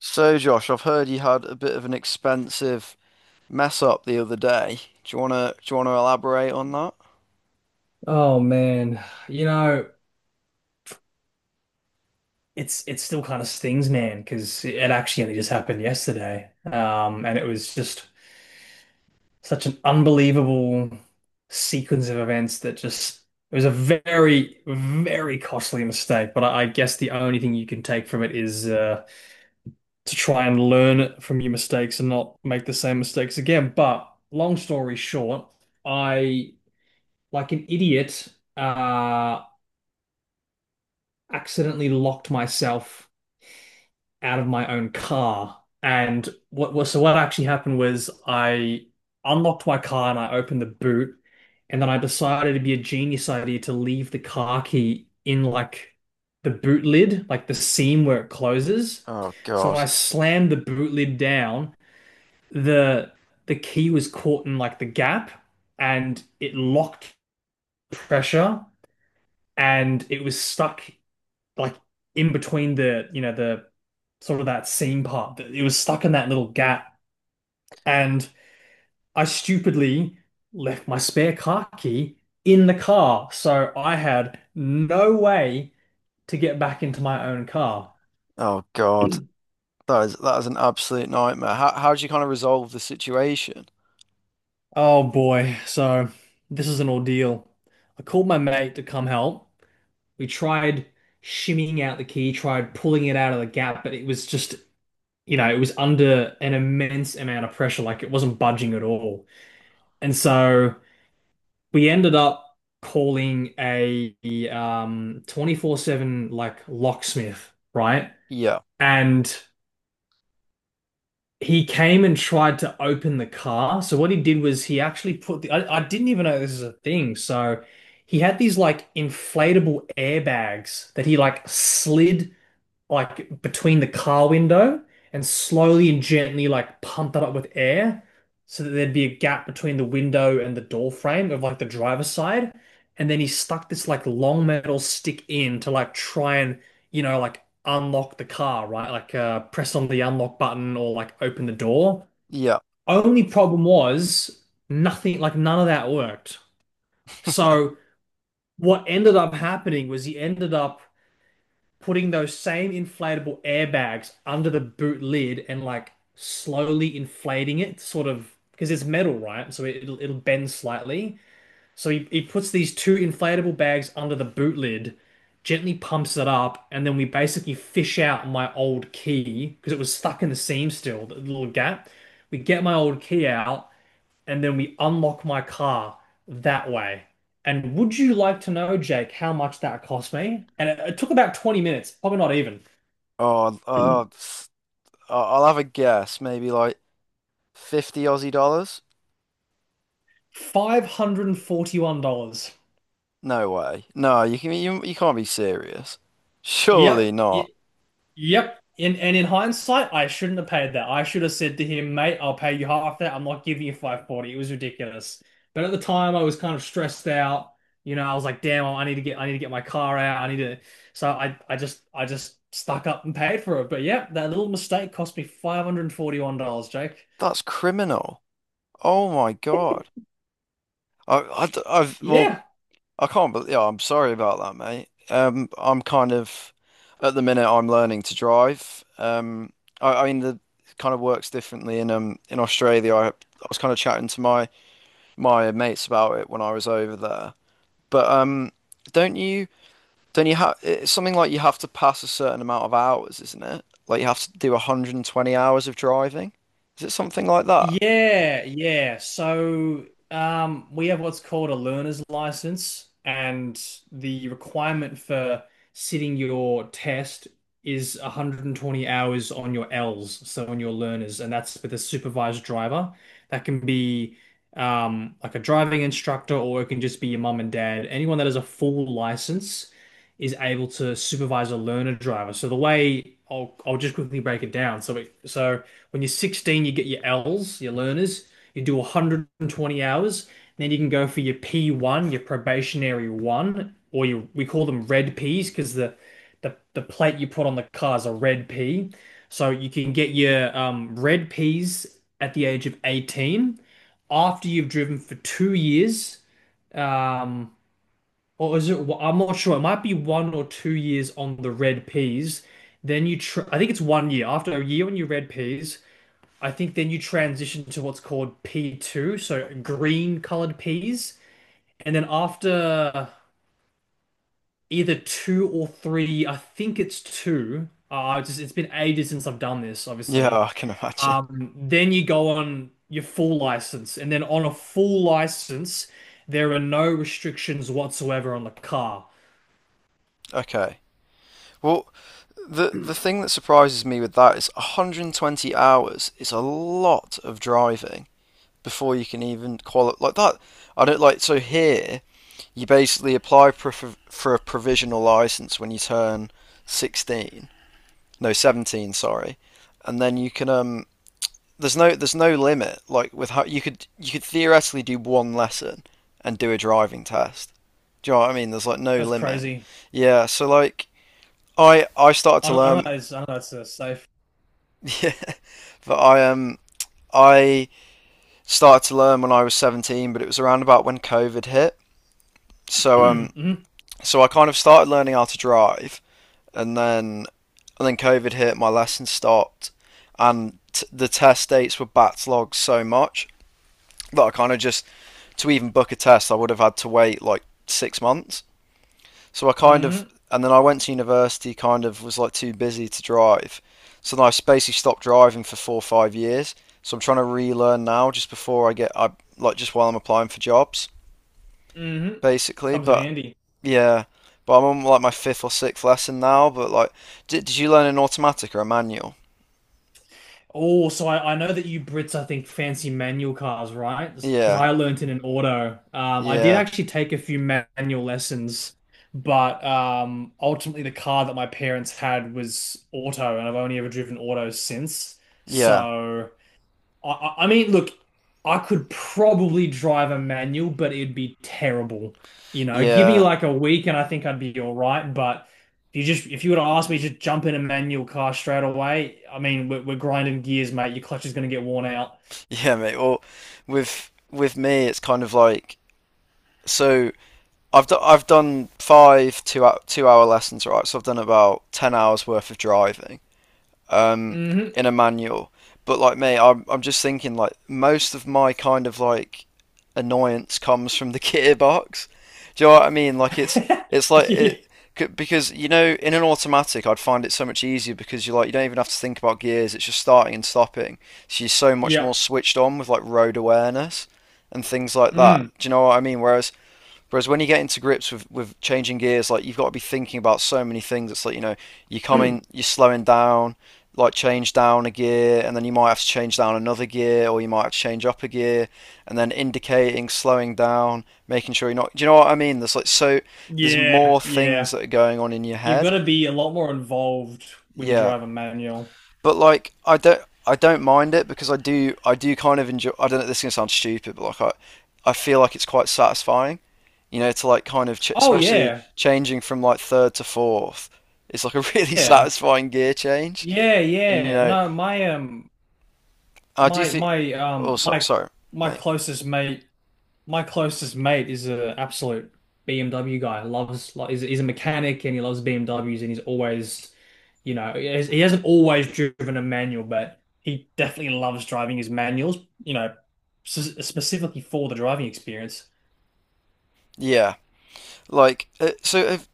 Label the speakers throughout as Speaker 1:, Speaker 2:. Speaker 1: So, Josh, I've heard you had a bit of an expensive mess up the other day. Do you wanna elaborate on that?
Speaker 2: Oh man, you know, it still kind of stings, man, because it actually only just happened yesterday. And it was just such an unbelievable sequence of events that just it was a very, very costly mistake. But I guess the only thing you can take from it is to try and learn from your mistakes and not make the same mistakes again. But long story short, I, like an idiot, uh, accidentally locked myself out of my own car. And what was so what actually happened was I unlocked my car and I opened the boot, and then I decided it'd be a genius idea to leave the car key in like the boot lid, like the seam where it closes.
Speaker 1: Oh
Speaker 2: So when I
Speaker 1: God.
Speaker 2: slammed the boot lid down, the the key was caught in like the gap, and it locked pressure, and it was stuck, like, in between the you know the sort of, that seam part. It was stuck in that little gap, and I stupidly left my spare car key in the car, so I had no way to get back into my own car.
Speaker 1: Oh God. That is an absolute nightmare. How did you kind of resolve the situation?
Speaker 2: Oh boy, so this is an ordeal. I called my mate to come help. We tried shimmying out the key, tried pulling it out of the gap, but it was just, you know, it was under an immense amount of pressure. Like, it wasn't budging at all. And so we ended up calling a 24/7 like locksmith, right?
Speaker 1: Yeah.
Speaker 2: And he came and tried to open the car. So what he did was, he actually I didn't even know this is a thing. So he had these like inflatable airbags that he like slid like between the car window, and slowly and gently like pump that up with air so that there'd be a gap between the window and the door frame of like the driver's side. And then he stuck this like long metal stick in to like try and, you know, like unlock the car, right? Like press on the unlock button or like open the door.
Speaker 1: Yeah.
Speaker 2: Only problem was, nothing, like none of that worked. So what ended up happening was he ended up putting those same inflatable airbags under the boot lid and like slowly inflating it, sort of, because it's metal, right? So it, will it'll bend slightly. So he puts these two inflatable bags under the boot lid, gently pumps it up, and then we basically fish out my old key because it was stuck in the seam still, the little gap. We get my old key out and then we unlock my car that way. And would you like to know, Jake, how much that cost me? And it took about 20 minutes, probably not even.
Speaker 1: Oh, uh, s- I'll have a guess. Maybe like 50 Aussie dollars?
Speaker 2: $541.
Speaker 1: No way. No, you can you, you can't be serious. Surely
Speaker 2: Yep.
Speaker 1: not.
Speaker 2: Yep. And in hindsight, I shouldn't have paid that. I should have said to him, mate, I'll pay you half that. I'm not giving you 540. It was ridiculous. But at the time, I was kind of stressed out. You know, I was like, damn, I need to get my car out. I need to so I just stuck up and paid for it. But yeah, that little mistake cost me $541, Jake.
Speaker 1: That's criminal. Oh my God. I, I, have
Speaker 2: Yeah.
Speaker 1: I can't believe, yeah, I'm sorry about that, mate. I'm kind of, at the minute, I'm learning to drive. I mean, the it kind of works differently in Australia. I was kind of chatting to my mates about it when I was over there. But don't you don't you have it's something like you have to pass a certain amount of hours, isn't it? Like you have to do 120 hours of driving. Is it something like that?
Speaker 2: Yeah, yeah. So we have what's called a learner's license, and the requirement for sitting your test is 120 hours on your L's, so on your learners, and that's with a supervised driver. That can be like a driving instructor, or it can just be your mum and dad. Anyone that has a full license is able to supervise a learner driver. So the way I'll just quickly break it down. So when you're 16, you get your Ls, your learners. You do 120 hours, then you can go for your P1, your probationary one, or you we call them red Ps, because the plate you put on the car is a red P. So you can get your red Ps at the age of 18 after you've driven for 2 years. Um, or is it? I'm not sure. It might be 1 or 2 years on the red peas. Then you, tr I think it's 1 year. After a year on your red peas, I think then you transition to what's called P2, so green colored peas. And then after either two or three, I think it's two. It's just, it's been ages since I've done this,
Speaker 1: Yeah,
Speaker 2: obviously.
Speaker 1: I can imagine.
Speaker 2: Then you go on your full license, and then on a full license, there are no restrictions whatsoever on the car.
Speaker 1: Okay. Well, the thing that surprises me with that is 120 hours is a lot of driving before you can even qualify like that. I don't like so here you basically apply for a provisional license when you turn 16, no 17, sorry, and then you can there's no limit like with how you could theoretically do one lesson and do a driving test. Do you know what I mean? There's like no
Speaker 2: That's
Speaker 1: limit.
Speaker 2: crazy.
Speaker 1: Yeah, so like I started
Speaker 2: I
Speaker 1: to
Speaker 2: don't, I don't
Speaker 1: learn.
Speaker 2: know. I don't know. It's safe.
Speaker 1: Yeah, but I started to learn when I was 17, but it was around about when COVID hit. So
Speaker 2: Hmm.
Speaker 1: so I kind of started learning how to drive, and then and then COVID hit, my lessons stopped, and t the test dates were backlogged so much that I kind of just to even book a test, I would have had to wait like 6 months. So I kind of,
Speaker 2: Hmm.
Speaker 1: and then I went to university, kind of was like too busy to drive. So then I basically stopped driving for 4 or 5 years. So I'm trying to relearn now just before I get, I like just while I'm applying for jobs,
Speaker 2: Hmm.
Speaker 1: basically.
Speaker 2: Comes in
Speaker 1: But
Speaker 2: handy.
Speaker 1: yeah, but I'm on like my fifth or sixth lesson now. But like, did you learn an automatic or a manual?
Speaker 2: Oh, so I know that you Brits, I think, fancy manual cars, right? Because
Speaker 1: Yeah,
Speaker 2: I learnt in an auto. I did
Speaker 1: yeah,
Speaker 2: actually take a few manual lessons, but ultimately the car that my parents had was auto, and I've only ever driven auto since.
Speaker 1: yeah,
Speaker 2: So. I mean, look, I could probably drive a manual, but it'd be terrible. You know, give me
Speaker 1: yeah,
Speaker 2: like a week and I think I'd be all right. But if if you were to ask me to just jump in a manual car straight away, I mean, we're grinding gears, mate. Your clutch is going to get worn out.
Speaker 1: yeah, mate. Well, with me, it's kind of like so. I've done five two-hour lessons, right? So I've done about 10 hours worth of driving um,
Speaker 2: Hmm.
Speaker 1: in a manual. But like me, I'm just thinking like most of my kind of like annoyance comes from the gearbox. Do you know what I mean? Like it's like
Speaker 2: Yeah.
Speaker 1: it c- because you know in an automatic I'd find it so much easier because you like you don't even have to think about gears. It's just starting and stopping. So you're so much
Speaker 2: Yeah.
Speaker 1: more switched on with like road awareness and things like that.
Speaker 2: Mm.
Speaker 1: Do you know what I mean? Whereas when you get into grips with changing gears, like you've got to be thinking about so many things. It's like, you know, you're coming, you're slowing down, like change down a gear, and then you might have to change down another gear, or you might have to change up a gear, and then indicating, slowing down, making sure you're not. Do you know what I mean? There's
Speaker 2: Yeah.
Speaker 1: more things
Speaker 2: Yeah.
Speaker 1: that are going on in your
Speaker 2: You've got
Speaker 1: head.
Speaker 2: to be a lot more involved when you
Speaker 1: Yeah,
Speaker 2: drive a manual.
Speaker 1: but like I don't mind it because I do kind of enjoy. I don't know. This is gonna sound stupid, but I feel like it's quite satisfying, you know, to like kind of ch
Speaker 2: Oh
Speaker 1: especially
Speaker 2: yeah,
Speaker 1: changing from like third to fourth. It's like a really
Speaker 2: yeah,
Speaker 1: satisfying gear change,
Speaker 2: yeah,
Speaker 1: and you
Speaker 2: yeah.
Speaker 1: know
Speaker 2: No, my
Speaker 1: I do
Speaker 2: My
Speaker 1: think.
Speaker 2: my
Speaker 1: Oh,
Speaker 2: um
Speaker 1: so,
Speaker 2: my
Speaker 1: sorry, mate.
Speaker 2: closest mate is a absolute BMW guy. Loves, like, he's a mechanic, and he loves BMWs, and he's always, he hasn't always driven a manual, but he definitely loves driving his manuals, you know specifically for the driving experience.
Speaker 1: Yeah, like so. If,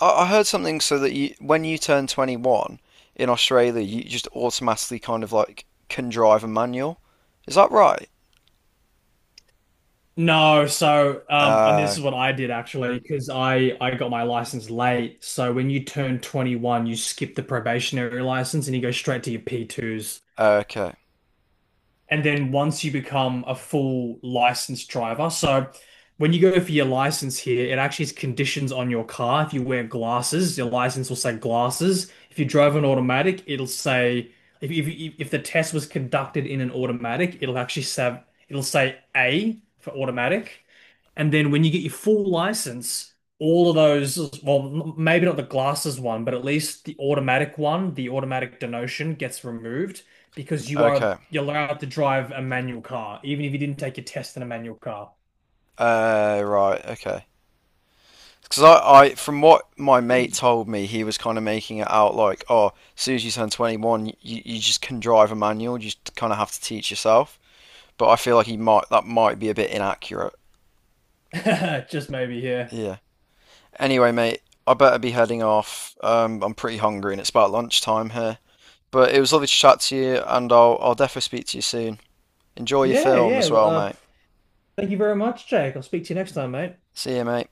Speaker 1: I heard something so that you when you turn 21 in Australia, you just automatically kind of like can drive a manual. Is that right?
Speaker 2: No, so and
Speaker 1: Uh,
Speaker 2: this is what I did, actually, because I got my license late. So when you turn 21, you skip the probationary license and you go straight to your P2s.
Speaker 1: okay.
Speaker 2: And then once you become a full licensed driver, so when you go for your license here, it actually is conditions on your car. If you wear glasses, your license will say glasses. If you drove an automatic, it'll say, if the test was conducted in an automatic, it'll actually say, it'll say A for automatic. And then when you get your full license, all of those, well, maybe not the glasses one, but at least the automatic one, the automatic denotion gets removed, because
Speaker 1: Okay.
Speaker 2: you're allowed to drive a manual car, even if you didn't take your test in a manual car.
Speaker 1: Right. Okay. Because from what my mate told me, he was kind of making it out like, oh, as soon as you turn 21, you just can drive a manual. You just kind of have to teach yourself. But I feel that might be a bit inaccurate.
Speaker 2: Just maybe, yeah.
Speaker 1: Yeah. Anyway, mate, I better be heading off. I'm pretty hungry and it's about lunchtime here. But it was lovely to chat to you, and I'll definitely speak to you soon. Enjoy your
Speaker 2: Yeah,
Speaker 1: film
Speaker 2: yeah.
Speaker 1: as well, mate.
Speaker 2: Thank you very much, Jake. I'll speak to you next time, mate.
Speaker 1: See you, mate.